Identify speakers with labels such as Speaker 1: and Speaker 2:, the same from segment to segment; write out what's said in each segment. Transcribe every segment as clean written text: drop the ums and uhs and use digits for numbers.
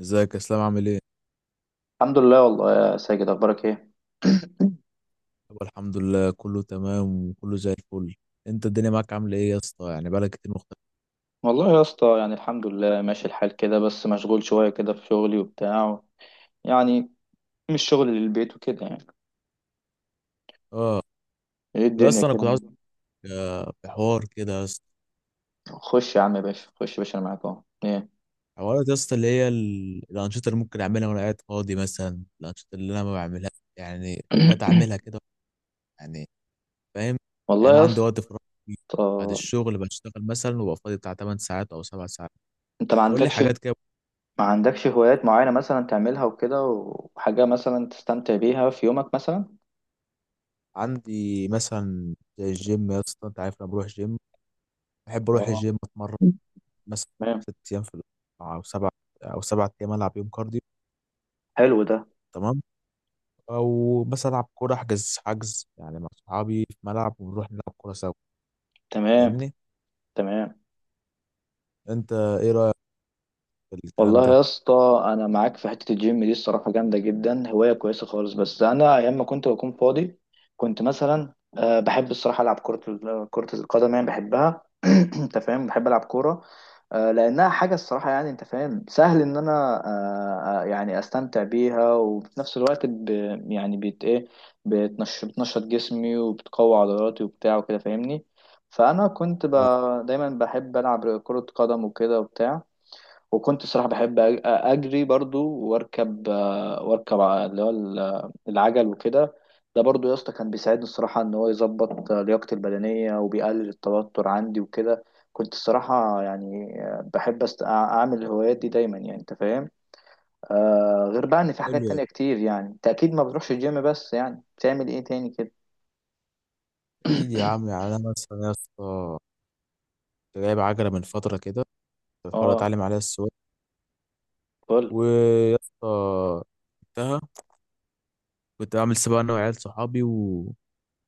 Speaker 1: ازيك يا اسلام؟ عامل ايه؟
Speaker 2: الحمد لله والله يا ساجد اخبارك ايه؟
Speaker 1: يابا الحمد لله، كله تمام وكله زي الفل. انت الدنيا معاك عامله ايه يا اسطى؟ يعني بقالك كتير مختلف.
Speaker 2: والله يا اسطى الحمد لله ماشي الحال كده، بس مشغول شويه كده في شغلي وبتاع يعني مش شغل للبيت وكده
Speaker 1: اه
Speaker 2: ايه الدنيا
Speaker 1: بس انا
Speaker 2: كده
Speaker 1: كنت عاوز،
Speaker 2: معاك؟
Speaker 1: في حوار كده يا اسطى.
Speaker 2: خش يا عم يا باشا، خش يا باشا انا معاك اهو ايه.
Speaker 1: حوارات يا اسطى، اللي هي الانشطه اللي ممكن اعملها وانا قاعد فاضي، مثلا الانشطه اللي انا ما بعملهاش. يعني حاجات اعملها كده، يعني فاهم. يعني
Speaker 2: والله
Speaker 1: انا
Speaker 2: يا
Speaker 1: عندي وقت
Speaker 2: اسطى،
Speaker 1: فراغ كتير. بعد الشغل بشتغل مثلا وببقى فاضي بتاع 8 ساعات او 7 ساعات.
Speaker 2: انت ما
Speaker 1: قول لي
Speaker 2: عندكش،
Speaker 1: حاجات كده.
Speaker 2: ما عندكش هوايات معينه مثلا تعملها وكده، وحاجه مثلا تستمتع بيها في يومك مثلا؟
Speaker 1: عندي مثلا زي الجيم يا اسطى، انت عارف انا بروح جيم، بحب اروح
Speaker 2: اه.
Speaker 1: الجيم اتمرن. مثلا
Speaker 2: تمام.
Speaker 1: 6 ايام في الاسبوع او سبع، او 7 ايام، العب يوم كارديو.
Speaker 2: حلو ده.
Speaker 1: تمام. او بس العب كوره، احجز حجز يعني مع صحابي في ملعب ونروح نلعب كوره سوا.
Speaker 2: تمام.
Speaker 1: فاهمني؟
Speaker 2: تمام.
Speaker 1: انت ايه رايك في الكلام
Speaker 2: والله
Speaker 1: ده؟
Speaker 2: يا اسطى انا معاك في حته الجيم دي، الصراحه جامده جدا، هوايه كويسه خالص، بس انا ايام ما كنت بكون فاضي كنت مثلا أه بحب الصراحه العب كره القدم، بحبها. انت فاهم، بحب العب كوره، أه، لانها حاجه الصراحه يعني انت فاهم سهل ان انا أه آه، يعني استمتع بيها، وفي نفس الوقت ب يعني بت ايه بتنش- بتنشط جسمي، وبتقوي عضلاتي وبتاع وكده فاهمني. فانا كنت ب
Speaker 1: اه،
Speaker 2: دايما بحب العب كره قدم وكده وبتاع. وكنت الصراحة بحب أجري برضو، وأركب العجل وكده. ده برضو يا اسطى كان بيساعدني الصراحة إن هو يظبط لياقتي البدنية، وبيقلل التوتر عندي وكده. كنت الصراحة يعني بحب أعمل الهوايات دي دايما، يعني أنت فاهم. آه، غير بقى إن في حاجات
Speaker 1: حلو.
Speaker 2: تانية كتير، يعني أنت أكيد ما بتروحش الجيم، بس يعني بتعمل إيه تاني كده؟
Speaker 1: اكيد يا عم. يعني انا مثلا يا اسطى كنت جايب عجله من فتره كده، كنت بحاول
Speaker 2: اه.
Speaker 1: اتعلم عليها السواقه.
Speaker 2: فل
Speaker 1: ويا اسطى جبتها. كنت بعمل سباق انا وعيال صحابي.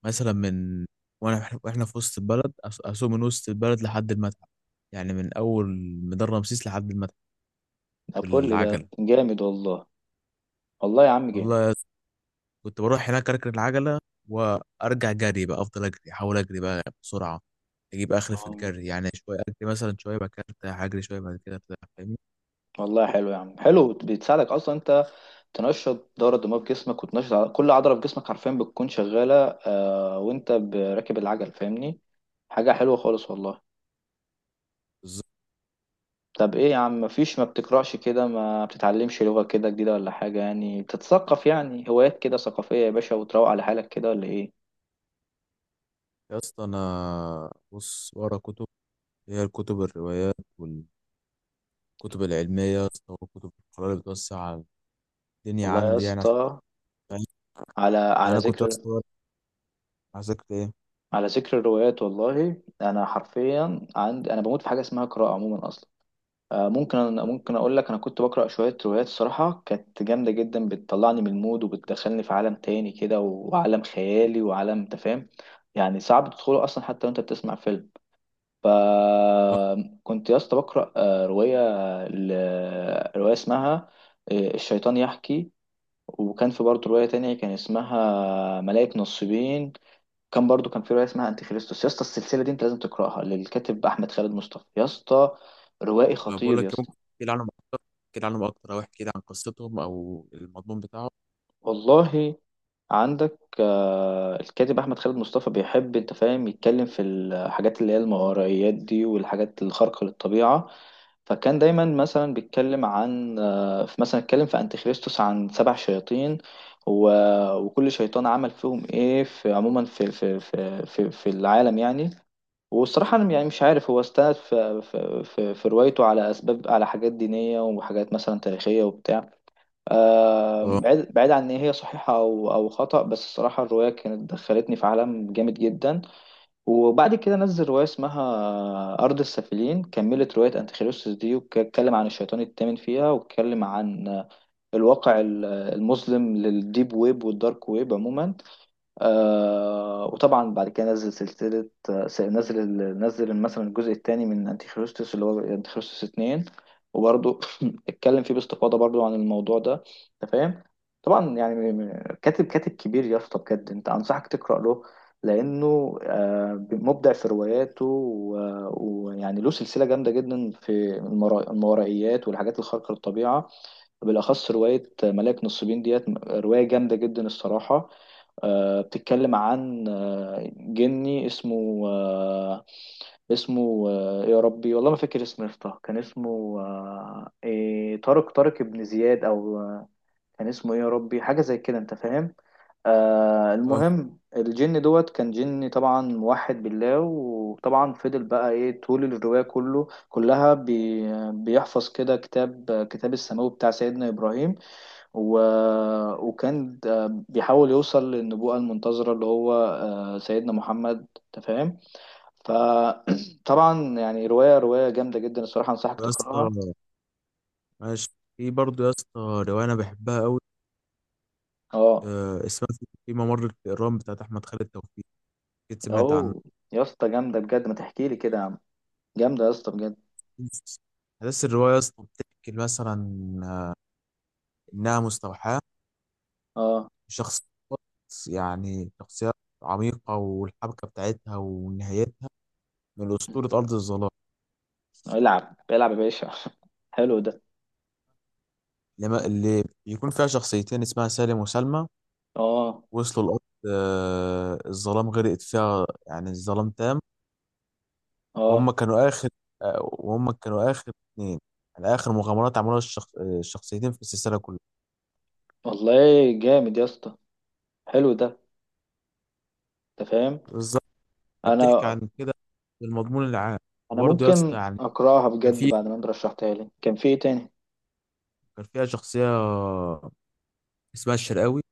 Speaker 1: مثلا واحنا في وسط البلد، اسوق من وسط البلد لحد المتحف، يعني من اول ميدان رمسيس لحد المتحف
Speaker 2: ده. فل ده.
Speaker 1: بالعجله.
Speaker 2: جامد والله. والله يا عم جامد.
Speaker 1: والله يا- كنت بروح هناك اركن العجله وارجع جري بقى، افضل اجري، احاول اجري بقى بسرعه، اجيب اخر في
Speaker 2: اه.
Speaker 1: الجري. يعني شويه اجري مثلا، شويه بعد كده ارتاح، اجري شويه بعد كده ارتاح. فاهمني؟
Speaker 2: والله حلو يا عم، حلو، بتساعدك اصلا، انت تنشط الدورة الدموية في جسمك، وتنشط كل عضلة في جسمك حرفيا بتكون شغالة، آه، وانت راكب العجل فاهمني. حاجة حلوة خالص والله.
Speaker 1: بالظبط.
Speaker 2: طب ايه يا عم، مفيش ما بتقرأش كده، ما بتتعلمش لغة كده جديدة ولا حاجة، يعني تتثقف، يعني هوايات كده ثقافية يا باشا، وتروق على حالك كده، ولا ايه؟
Speaker 1: يا اسطى انا بص ورا كتب، هي الكتب، الروايات والكتب العلميه يا اسطى، والكتب القراءه اللي بتوسع الدنيا
Speaker 2: والله يا
Speaker 1: عندي، يعني عشان
Speaker 2: اسطى،
Speaker 1: فاهم؟
Speaker 2: على
Speaker 1: يعني
Speaker 2: على
Speaker 1: انا كنت يا
Speaker 2: ذكر
Speaker 1: اسطى عايزك ايه.
Speaker 2: على ذكر الروايات، والله انا حرفيا عندي، انا بموت في حاجة اسمها قراءة عموما اصلا. ممكن ممكن أقول لك، أنا كنت بقرأ شوية روايات الصراحة، كانت جامدة جدا، بتطلعني من المود، وبتدخلني في عالم تاني كده، وعالم خيالي، وعالم أنت فاهم، يعني صعب تدخله أصلا حتى وأنت بتسمع فيلم.
Speaker 1: آه،
Speaker 2: فكنت يا اسطى بقرأ رواية، رواية اسمها الشيطان يحكي. وكان في برضه رواية تانية كان اسمها ملائكة نصيبين. كان برضه كان في رواية اسمها أنتي خريستوس، يا اسطى السلسلة دي أنت لازم تقرأها، للكاتب أحمد خالد مصطفى، يا اسطى روائي
Speaker 1: بقول
Speaker 2: خطير يا
Speaker 1: لك
Speaker 2: اسطى.
Speaker 1: ممكن تحكي لي عنهم اكتر، او احكي لي عن قصتهم او المضمون بتاعهم.
Speaker 2: والله، عندك الكاتب احمد خالد مصطفى بيحب انت فاهم يتكلم في الحاجات اللي هي الماورائيات دي، والحاجات الخارقة للطبيعة. فكان دايما مثلا بيتكلم عن مثلا اتكلم في انتيخريستوس عن 7 شياطين، وكل شيطان عمل فيهم ايه في عموما في العالم يعني. والصراحة أنا يعني مش عارف هو استند في روايته على أسباب، على حاجات دينية، وحاجات مثلا تاريخية وبتاع. آه،
Speaker 1: اه
Speaker 2: بعيد بعيد عن ان هي صحيحه او او خطا، بس الصراحه الروايه كانت دخلتني في عالم جامد جدا. وبعد كده نزل روايه اسمها ارض السافلين، كملت روايه انتيخريستوس دي، واتكلم عن الشيطان الثامن فيها، واتكلم عن الواقع المظلم للديب ويب والدارك ويب عموما. آه، وطبعا بعد كده نزل سلسلة نزل مثلا الجزء الثاني من انتيخريستوس، اللي هو انتيخريستوس 2، وبرضه اتكلم فيه باستفاضة برضه عن الموضوع ده، انت فاهم؟ طبعا يعني كاتب كبير يا اسطى بجد، انت انصحك تقرأ له، لانه مبدع في رواياته ويعني له سلسلة جامدة جدا في الماورائيات والحاجات الخارقة للطبيعة. بالاخص رواية ملاك نصيبين، ديت رواية جامدة جدا الصراحة. بتتكلم عن جني اسمه يا ربي والله ما فاكر اسمه، يا اسطى كان اسمه إيه، طارق، طارق ابن زياد، او آه، كان اسمه ايه يا ربي، حاجه زي كده انت فاهم. آه،
Speaker 1: اه.
Speaker 2: المهم الجن دوت كان جن طبعا موحد بالله، وطبعا فضل بقى ايه طول الرواية كله كلها بيحفظ كده كتاب السماوي بتاع سيدنا إبراهيم، و... وكان ده بيحاول يوصل للنبوءة المنتظرة، اللي هو سيدنا محمد، أنت فاهم. فطبعا يعني رواية جامدة جدا الصراحة، أنصحك
Speaker 1: يا اسطى
Speaker 2: تقرأها.
Speaker 1: ماشي. في برضه يا اسطى روايه انا بحبها قوي،
Speaker 2: اه.
Speaker 1: آه، اسمها في ممر الفئران، بتاعت احمد خالد توفيق. اكيد سمعت عنها.
Speaker 2: أهو يا اسطى جامدة بجد، ما تحكي لي كده يا عم، جامدة يا اسطى بجد.
Speaker 1: احداث الروايه يا اسطى بتحكي مثلا انها مستوحاه.
Speaker 2: اه.
Speaker 1: شخص يعني شخصيات عميقه، والحبكه بتاعتها ونهايتها من اسطوره ارض الظلام.
Speaker 2: العب، العب يا باشا. حلو ده.
Speaker 1: اللي بيكون فيها شخصيتين اسمها سالم وسلمى،
Speaker 2: اه.
Speaker 1: وصلوا الأرض. آه، الظلام غرقت فيها، يعني الظلام تام.
Speaker 2: اه.
Speaker 1: وهم كانوا آخر وهم كانوا آخر اتنين. يعني آخر مغامرات عملوها الشخصيتين في السلسلة كلها.
Speaker 2: والله جامد يا اسطى. حلو ده. انت فاهم.
Speaker 1: بالظبط. بتحكي
Speaker 2: انا
Speaker 1: عن كده المضمون العام.
Speaker 2: انا
Speaker 1: وبرضه يا اسطى
Speaker 2: ممكن
Speaker 1: يعني
Speaker 2: اقراها
Speaker 1: كان
Speaker 2: بجد
Speaker 1: في
Speaker 2: بعد ما انت رشحتها لي، كان في ايه تاني؟
Speaker 1: كان فيها شخصية اسمها الشرقاوي،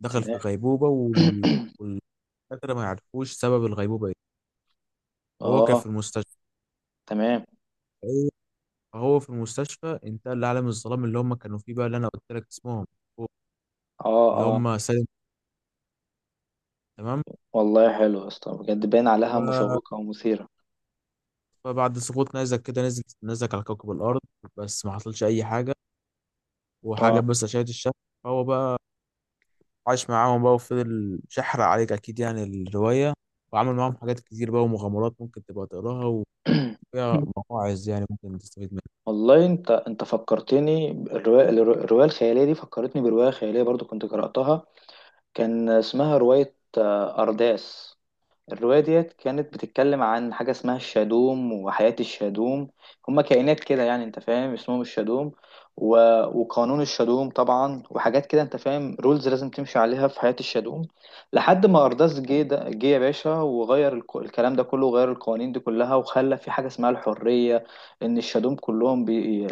Speaker 1: دخل في
Speaker 2: تمام.
Speaker 1: غيبوبة والدكاترة ما يعرفوش سبب الغيبوبة ايه. وهو كان في
Speaker 2: اه.
Speaker 1: المستشفى.
Speaker 2: تمام.
Speaker 1: فهو في المستشفى انتقل لعالم الظلام اللي هم كانوا فيه بقى، اللي انا قلت لك اسمهم
Speaker 2: اه.
Speaker 1: اللي
Speaker 2: اه.
Speaker 1: هم سالم. تمام.
Speaker 2: والله حلو يا اسطى بجد، باين عليها
Speaker 1: ف-
Speaker 2: مشوقة ومثيرة.
Speaker 1: فبعد سقوط نيزك كده، نزل نيزك على كوكب الأرض، بس ما حصلش أي حاجة، وحاجة
Speaker 2: اه.
Speaker 1: بس أشعة الشمس. فهو بقى عاش معاهم بقى، وفضل شحر عليك أكيد يعني الرواية. وعمل معاهم حاجات كتير بقى، ومغامرات ممكن تبقى تقراها، وفيها مواعظ يعني ممكن تستفيد منها.
Speaker 2: والله انت فكرتني الرواية الخيالية دي، فكرتني برواية خيالية برضو كنت قرأتها، كان اسمها رواية أرداس. الرواية ديت كانت بتتكلم عن حاجة اسمها الشادوم، وحياة الشادوم، هما كائنات كده يعني انت فاهم اسمهم الشادوم، و... وقانون الشادوم طبعا، وحاجات كده انت فاهم رولز لازم تمشي عليها في حياة الشادوم. لحد ما أرداس جه يا باشا وغير الكلام ده كله، وغير القوانين دي كلها، وخلى في حاجة اسمها الحرية. إن الشادوم كلهم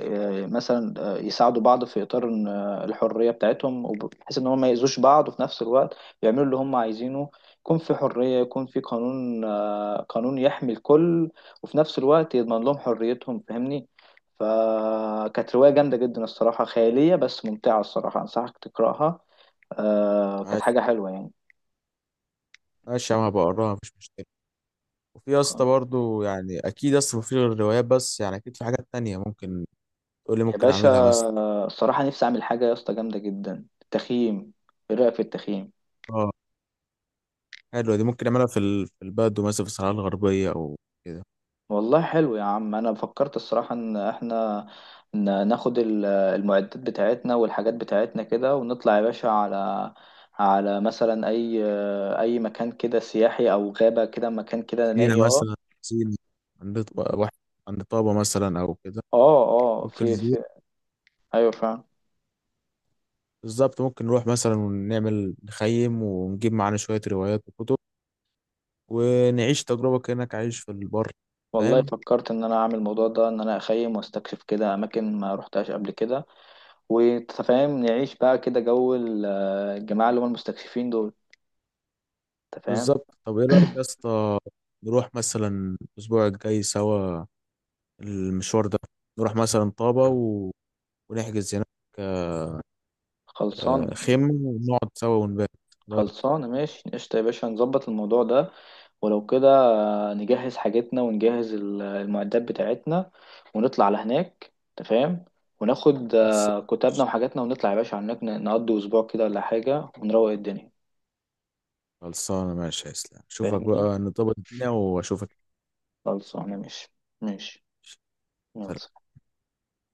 Speaker 2: مثلا يساعدوا بعض، في إطار إن الحرية بتاعتهم، بحيث إن هم ما يأذوش بعض، وفي نفس الوقت يعملوا اللي هم عايزينه، يكون في حرية، يكون في قانون، قانون يحمي الكل، وفي نفس الوقت يضمن لهم حريتهم فاهمني. فكانت رواية جامدة جدا الصراحة، خيالية بس ممتعة الصراحة، أنصحك تقرأها. كانت
Speaker 1: ماشي
Speaker 2: حاجة حلوة يعني.
Speaker 1: ماشي يا عم، هبقى أقراها، مفيش مشكلة. وفي يا
Speaker 2: خ-
Speaker 1: اسطى برضه، يعني أكيد يا اسطى مفيش غير الروايات بس، يعني أكيد في حاجات تانية ممكن تقول لي
Speaker 2: يا
Speaker 1: ممكن
Speaker 2: باشا
Speaker 1: أعملها مثلا.
Speaker 2: الصراحة نفسي أعمل حاجة يا اسطى جامدة جدا، التخييم. إيه رأيك في التخييم؟
Speaker 1: اه، حلوة دي. ممكن أعملها في في البدو مثلا، في الصحراء الغربية أو كده.
Speaker 2: والله حلو يا عم، انا فكرت الصراحة ان احنا ناخد المعدات بتاعتنا والحاجات بتاعتنا كده، ونطلع يا باشا على، على مثلا اي مكان كده سياحي، او غابة، كده مكان كده
Speaker 1: سينا
Speaker 2: نائي. اه.
Speaker 1: مثلا، سينا. عند واحد، عند طابة مثلا أو كده.
Speaker 2: اه. اه.
Speaker 1: ممكن
Speaker 2: في
Speaker 1: نروح-
Speaker 2: في ايوه فعلا.
Speaker 1: بالظبط، ممكن نروح مثلا ونعمل نخيم، ونجيب معانا شوية روايات وكتب، ونعيش تجربة كأنك عايش في البر.
Speaker 2: والله
Speaker 1: فاهم.
Speaker 2: فكرت ان انا اعمل الموضوع ده، ان انا اخيم واستكشف كده اماكن ما روحتهاش قبل كده. وانت فاهم نعيش بقى كده جو الجماعة اللي هم المستكشفين دول، انت فاهم.
Speaker 1: بالظبط. طب إيه رأيك يا اسطى، نروح مثلا الأسبوع الجاي سوا المشوار ده، نروح مثلا طابة ونحجز هناك آه،
Speaker 2: خلصان.
Speaker 1: خيمة، ونقعد سوا ونبات. إيه رأيك؟
Speaker 2: خلصانة، ماشي قشطة يا باشا، نظبط الموضوع ده ولو كده. نجهز حاجتنا، ونجهز المعدات بتاعتنا، ونطلع على هناك تفهم. وناخد
Speaker 1: خلص-
Speaker 2: كتابنا وحاجاتنا، ونطلع يا باشا على هناك، نقضي أسبوع كده ولا حاجة، ونروق الدنيا
Speaker 1: خلصانة ماشي يا اسلام، أشوفك
Speaker 2: فاهمني.
Speaker 1: بقى نظبط الدنيا وأشوفك.
Speaker 2: خلصانة ماشي. ماشي. يلا.
Speaker 1: سلام.